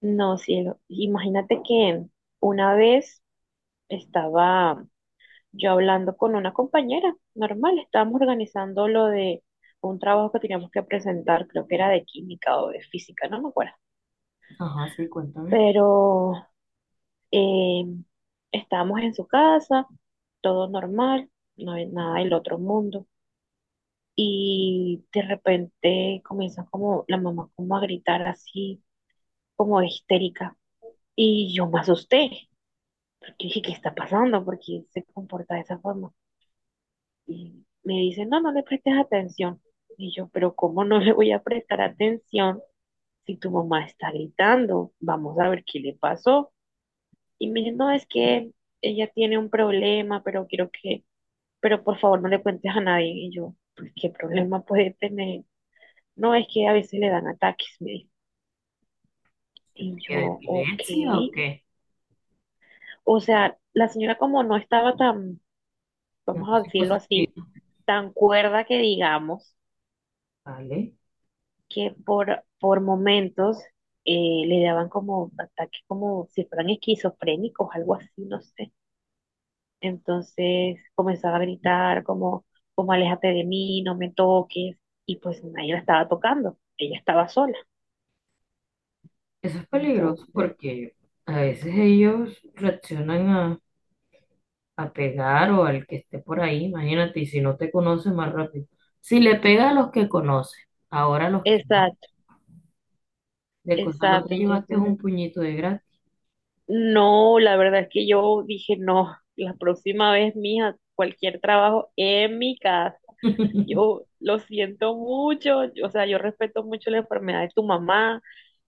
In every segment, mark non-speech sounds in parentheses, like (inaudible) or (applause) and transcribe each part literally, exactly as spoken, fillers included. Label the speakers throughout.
Speaker 1: No, cielo. Imagínate que una vez estaba yo hablando con una compañera, normal, estábamos organizando lo de un trabajo que teníamos que presentar, creo que era de química o de física, no me acuerdo.
Speaker 2: Ajá, sí, cuéntame.
Speaker 1: Pero eh, estábamos en su casa, todo normal, no hay nada del otro mundo. Y de repente comienza como la mamá como a gritar así, como histérica. Y yo me asusté. Yo dije, ¿qué está pasando? Porque se comporta de esa forma. Y me dice, no, no le prestes atención. Y yo, pero ¿cómo no le voy a prestar atención si tu mamá está gritando? Vamos a ver qué le pasó. Y me dice, no, es que ella tiene un problema, pero quiero que, pero por favor no le cuentes a nadie. Y yo, pues, ¿qué problema puede tener? No, es que a veces le dan ataques, me dijo.
Speaker 2: ¿Que
Speaker 1: Y
Speaker 2: te quede
Speaker 1: yo, ok.
Speaker 2: epilepsia o qué?
Speaker 1: O sea, la señora como no estaba tan,
Speaker 2: Ya
Speaker 1: vamos
Speaker 2: no
Speaker 1: a
Speaker 2: sé,
Speaker 1: decirlo
Speaker 2: cosas
Speaker 1: así,
Speaker 2: finas,
Speaker 1: tan cuerda que digamos
Speaker 2: ¿vale?
Speaker 1: que por, por momentos eh, le daban como ataques como si fueran esquizofrénicos, algo así, no sé. Entonces comenzaba a gritar como, como aléjate de mí, no me toques, y pues nadie la estaba tocando, ella estaba sola.
Speaker 2: Eso es peligroso
Speaker 1: Entonces,
Speaker 2: porque a veces ellos reaccionan a, a pegar o al que esté por ahí, imagínate, y si no te conoce más rápido. Si le pega a los que conoce, ahora a los que no,
Speaker 1: exacto,
Speaker 2: de cosa no
Speaker 1: exacto,
Speaker 2: te llevaste
Speaker 1: entonces,
Speaker 2: un puñito de gratis.
Speaker 1: no, la verdad es que yo dije, no, la próxima vez, mija, cualquier trabajo en mi casa.
Speaker 2: (laughs)
Speaker 1: Yo lo siento mucho, o sea, yo respeto mucho la enfermedad de tu mamá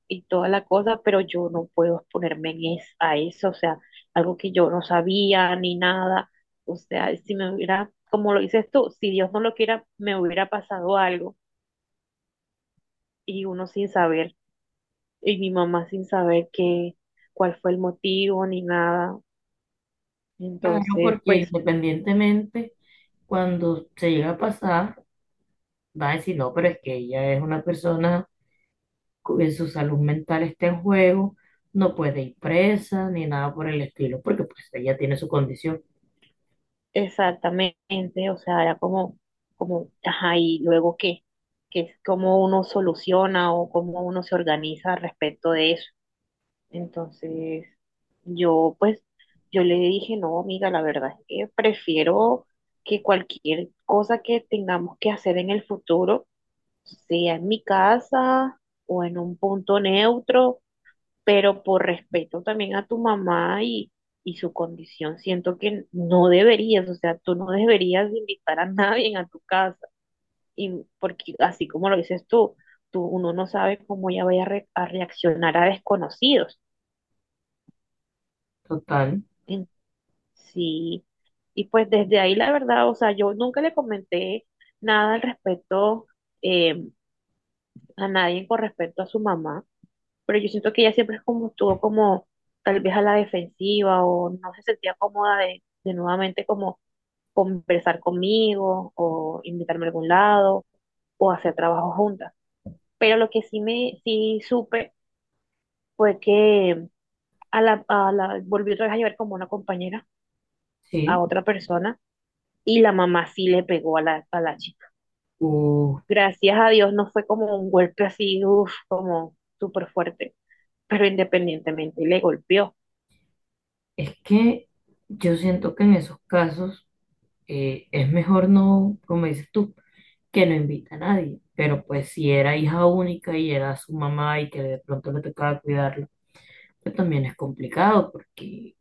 Speaker 1: y toda la cosa, pero yo no puedo exponerme en es- a eso, o sea, algo que yo no sabía ni nada. O sea, si me hubiera, como lo dices tú, si Dios no lo quiera, me hubiera pasado algo y uno sin saber, y mi mamá sin saber qué, cuál fue el motivo ni nada.
Speaker 2: Claro,
Speaker 1: Entonces,
Speaker 2: porque
Speaker 1: pues
Speaker 2: independientemente, cuando se llega a pasar, va a decir, no, pero es que ella es una persona cu- su salud mental está en juego, no puede ir presa ni nada por el estilo, porque pues ella tiene su condición
Speaker 1: exactamente, o sea, era como, como, ajá, y luego qué, que es cómo uno soluciona o cómo uno se organiza respecto de eso. Entonces, yo pues, yo le dije, no, amiga, la verdad es que prefiero que cualquier cosa que tengamos que hacer en el futuro, sea en mi casa o en un punto neutro, pero por respeto también a tu mamá y, y su condición, siento que no deberías, o sea, tú no deberías invitar a nadie a tu casa, y porque así como lo dices tú, tú uno no sabe cómo ella vaya a, re- a reaccionar a desconocidos.
Speaker 2: total,
Speaker 1: En- Sí, y pues desde ahí la verdad, o sea, yo nunca le comenté nada al respecto eh, a nadie con respecto a su mamá. Pero yo siento que ella siempre es como estuvo como tal vez a la defensiva o no se sentía cómoda de, de nuevamente como conversar conmigo o invitarme a algún lado o hacer trabajo juntas. Pero lo que sí me sí supe fue que a la, a la volvió otra vez a llevar como una compañera a
Speaker 2: ¿sí?
Speaker 1: otra persona y la mamá sí le pegó a la, a la chica.
Speaker 2: Uh,
Speaker 1: Gracias a Dios no fue como un golpe así, uff, como súper fuerte, pero independientemente le golpeó.
Speaker 2: es que yo siento que en esos casos eh, es mejor no, como dices tú, que no invita a nadie, pero pues si era hija única y era su mamá y que de pronto le tocaba cuidarlo, pues también es complicado, porque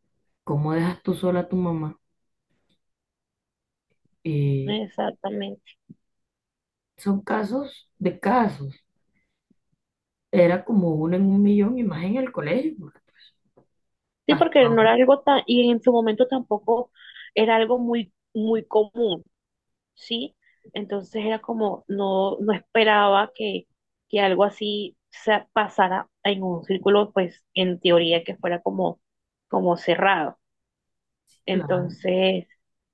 Speaker 2: ¿cómo dejas tú sola a tu mamá? Eh,
Speaker 1: Exactamente.
Speaker 2: son casos de casos. Era como uno en un millón y más en el colegio. Porque
Speaker 1: Sí, porque no era
Speaker 2: pasaba,
Speaker 1: algo tan, y en su momento tampoco era algo muy, muy común, ¿sí? Entonces era como, no, no esperaba que, que algo así se pasara en un círculo, pues en teoría que fuera como, como cerrado.
Speaker 2: claro.
Speaker 1: Entonces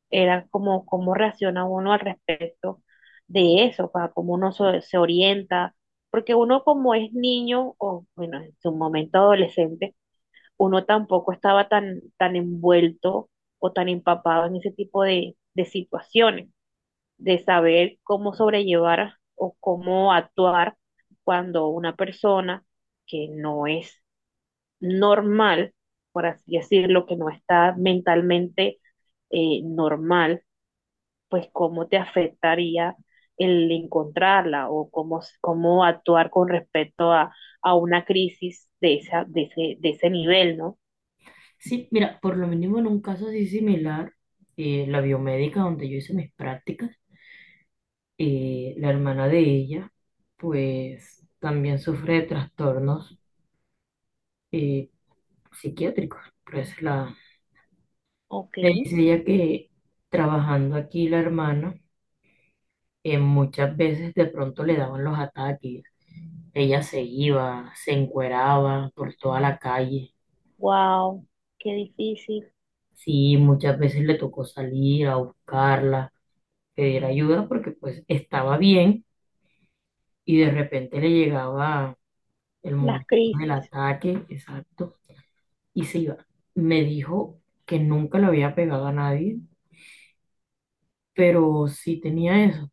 Speaker 1: era como, cómo reacciona uno al respecto de eso, para cómo uno se se orienta, porque uno como es niño, o bueno, en su momento adolescente, uno tampoco estaba tan, tan envuelto o tan empapado en ese tipo de, de situaciones, de saber cómo sobrellevar o cómo actuar cuando una persona que no es normal, por así decirlo, que no está mentalmente eh, normal, pues cómo te afectaría el encontrarla o cómo, cómo actuar con respecto a, a una crisis de, esa, de, ese, de ese nivel, ¿no?
Speaker 2: Sí, mira, por lo mínimo en un caso así similar, eh, la biomédica donde yo hice mis prácticas, eh, la hermana de ella, pues también sufre de trastornos eh, psiquiátricos. Pues la,
Speaker 1: Ok,
Speaker 2: me dice ella que trabajando aquí la hermana, eh, muchas veces de pronto le daban los ataques. Ella se iba, se encueraba por toda la calle.
Speaker 1: wow, qué difícil.
Speaker 2: Sí, muchas veces le tocó salir a buscarla, pedir ayuda porque pues estaba bien y de repente le llegaba el
Speaker 1: Las
Speaker 2: momento del
Speaker 1: crisis,
Speaker 2: ataque, exacto, y se iba. Me dijo que nunca le había pegado a nadie, pero sí tenía eso.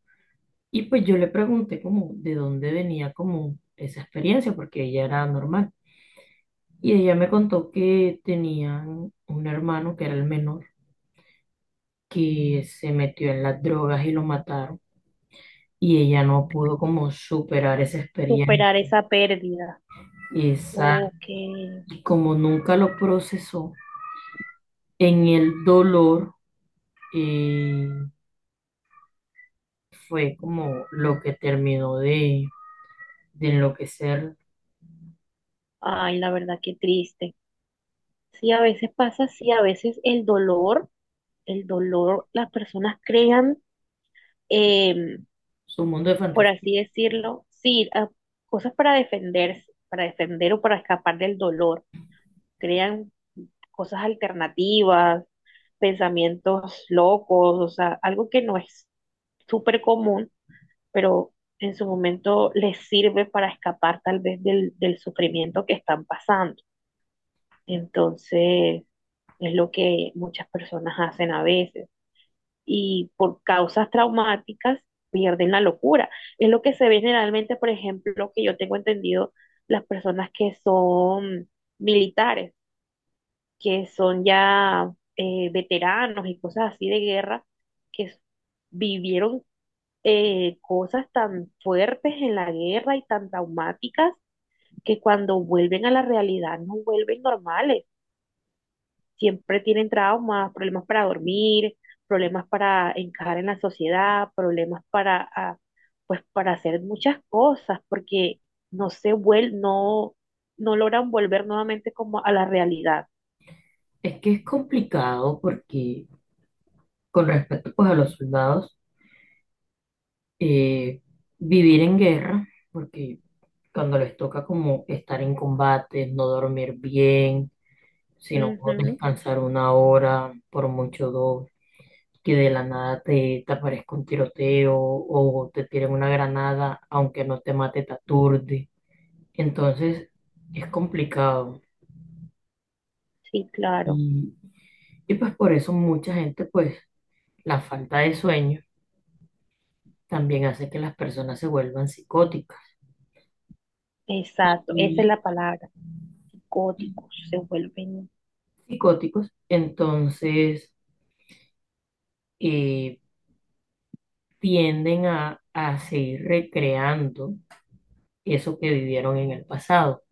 Speaker 2: Y pues yo le pregunté como de dónde venía como esa experiencia porque ella era normal. Y ella me contó que tenían un hermano que era el menor, que se metió en las drogas y lo mataron y ella no
Speaker 1: sí,
Speaker 2: pudo como superar esa experiencia.
Speaker 1: superar esa pérdida.
Speaker 2: Esa,
Speaker 1: Ok,
Speaker 2: y como nunca lo procesó, en el dolor eh, fue como lo que terminó de, de enloquecer
Speaker 1: ay, la verdad, qué triste. Sí, a veces pasa, sí, a veces el dolor, el dolor, las personas crean, em,
Speaker 2: su mundo de
Speaker 1: por
Speaker 2: fantasía.
Speaker 1: así decirlo, sí, a- cosas para defenderse, para defender o para escapar del dolor. Crean cosas alternativas, pensamientos locos, o sea, algo que no es súper común, pero en su momento les sirve para escapar tal vez del, del sufrimiento que están pasando. Entonces, es lo que muchas personas hacen a veces. Y por causas traumáticas pierden la locura. Es lo que se ve generalmente, por ejemplo, que yo tengo entendido, las personas que son militares, que son ya eh, veteranos y cosas así de guerra, que s- vivieron eh, cosas tan fuertes en la guerra y tan traumáticas que cuando vuelven a la realidad no vuelven normales. Siempre tienen traumas, problemas para dormir, problemas para encajar en la sociedad, problemas para, ah, pues, para hacer muchas cosas, porque no se vuel no, no logran volver nuevamente como a la realidad.
Speaker 2: Es que es complicado porque con respecto pues a los soldados, eh, vivir en guerra, porque cuando les toca como estar en combate, no dormir bien, sino
Speaker 1: Ujú,
Speaker 2: descansar una hora, por mucho dos, que de la nada te, te aparezca un tiroteo o te tiren una granada, aunque no te mate, te aturde. Entonces es complicado.
Speaker 1: sí, claro.
Speaker 2: Y, y pues por eso mucha gente, pues la falta de sueño también hace que las personas se vuelvan psicóticas.
Speaker 1: Exacto, esa es
Speaker 2: Y
Speaker 1: la palabra. Psicóticos se vuelven.
Speaker 2: psicóticos, entonces, eh, tienden a, a seguir recreando eso que vivieron en el pasado.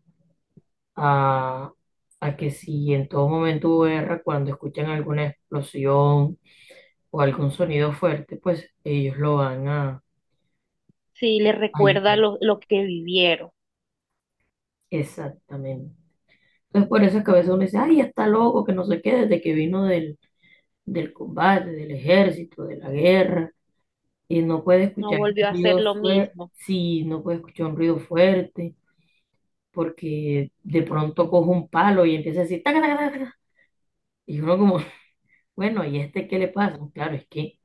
Speaker 2: A, a que si en todo momento U R, cuando escuchan alguna explosión o algún sonido fuerte, pues ellos lo van a
Speaker 1: Sí, les
Speaker 2: a
Speaker 1: recuerda
Speaker 2: ayudar.
Speaker 1: lo, lo que vivieron.
Speaker 2: Exactamente. Entonces, por eso es que a veces uno dice, ay, está loco, que no sé qué, desde que vino del, del combate, del ejército, de la guerra, y no puede
Speaker 1: No
Speaker 2: escuchar un
Speaker 1: volvió a hacer
Speaker 2: ruido
Speaker 1: lo
Speaker 2: fuerte,
Speaker 1: mismo
Speaker 2: sí, no puede escuchar un ruido fuerte, porque de pronto coge un palo y empieza a decir, taca, taca, taca, taca". Y uno como, (laughs) bueno, ¿y este qué le pasa? Claro, es que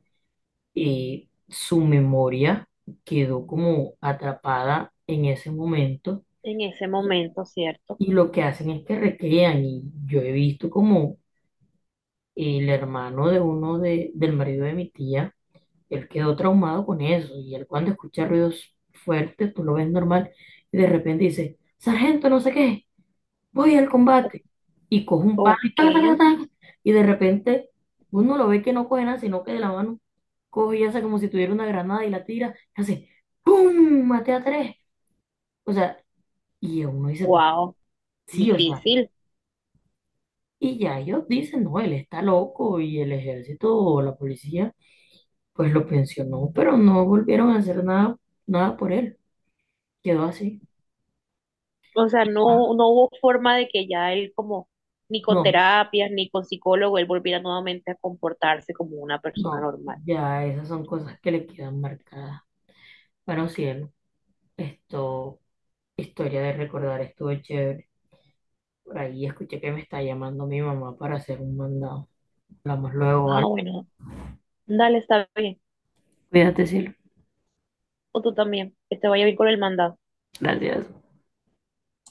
Speaker 2: eh, su memoria quedó como atrapada en ese momento
Speaker 1: en ese
Speaker 2: y
Speaker 1: momento, ¿cierto?
Speaker 2: y lo que hacen es que recrean y yo he visto como el hermano de uno de, del marido de mi tía, él quedó traumado con eso y él cuando escucha ruidos fuertes, tú lo ves normal y de repente dice, sargento, no sé qué, voy al combate y cojo un palo y
Speaker 1: Ok,
Speaker 2: ta, ta, ta, ta, y de repente uno lo ve que no coge nada, sino que de la mano coge y hace como si tuviera una granada y la tira, y hace ¡pum! Maté a tres. O sea, y uno dice, pues,
Speaker 1: wow,
Speaker 2: sí, o sea,
Speaker 1: difícil.
Speaker 2: y ya ellos dicen, no, él está loco y el ejército o la policía pues lo pensionó, pero no volvieron a hacer nada, nada por él. Quedó así.
Speaker 1: O sea,
Speaker 2: Ah,
Speaker 1: no, no hubo forma de que ya él como, ni con
Speaker 2: no,
Speaker 1: terapias, ni con psicólogo, él volviera nuevamente a comportarse como una persona
Speaker 2: no,
Speaker 1: normal.
Speaker 2: ya esas son cosas que le quedan marcadas. Bueno, cielo, esto... Historia de recordar, estuvo chévere. Por ahí escuché que me está llamando mi mamá para hacer un mandado. Hablamos luego,
Speaker 1: Ah,
Speaker 2: ¿vale?
Speaker 1: bueno, dale, está bien.
Speaker 2: Cuídate, cielo.
Speaker 1: O tú también. Que te vaya bien con el mandado.
Speaker 2: Gracias.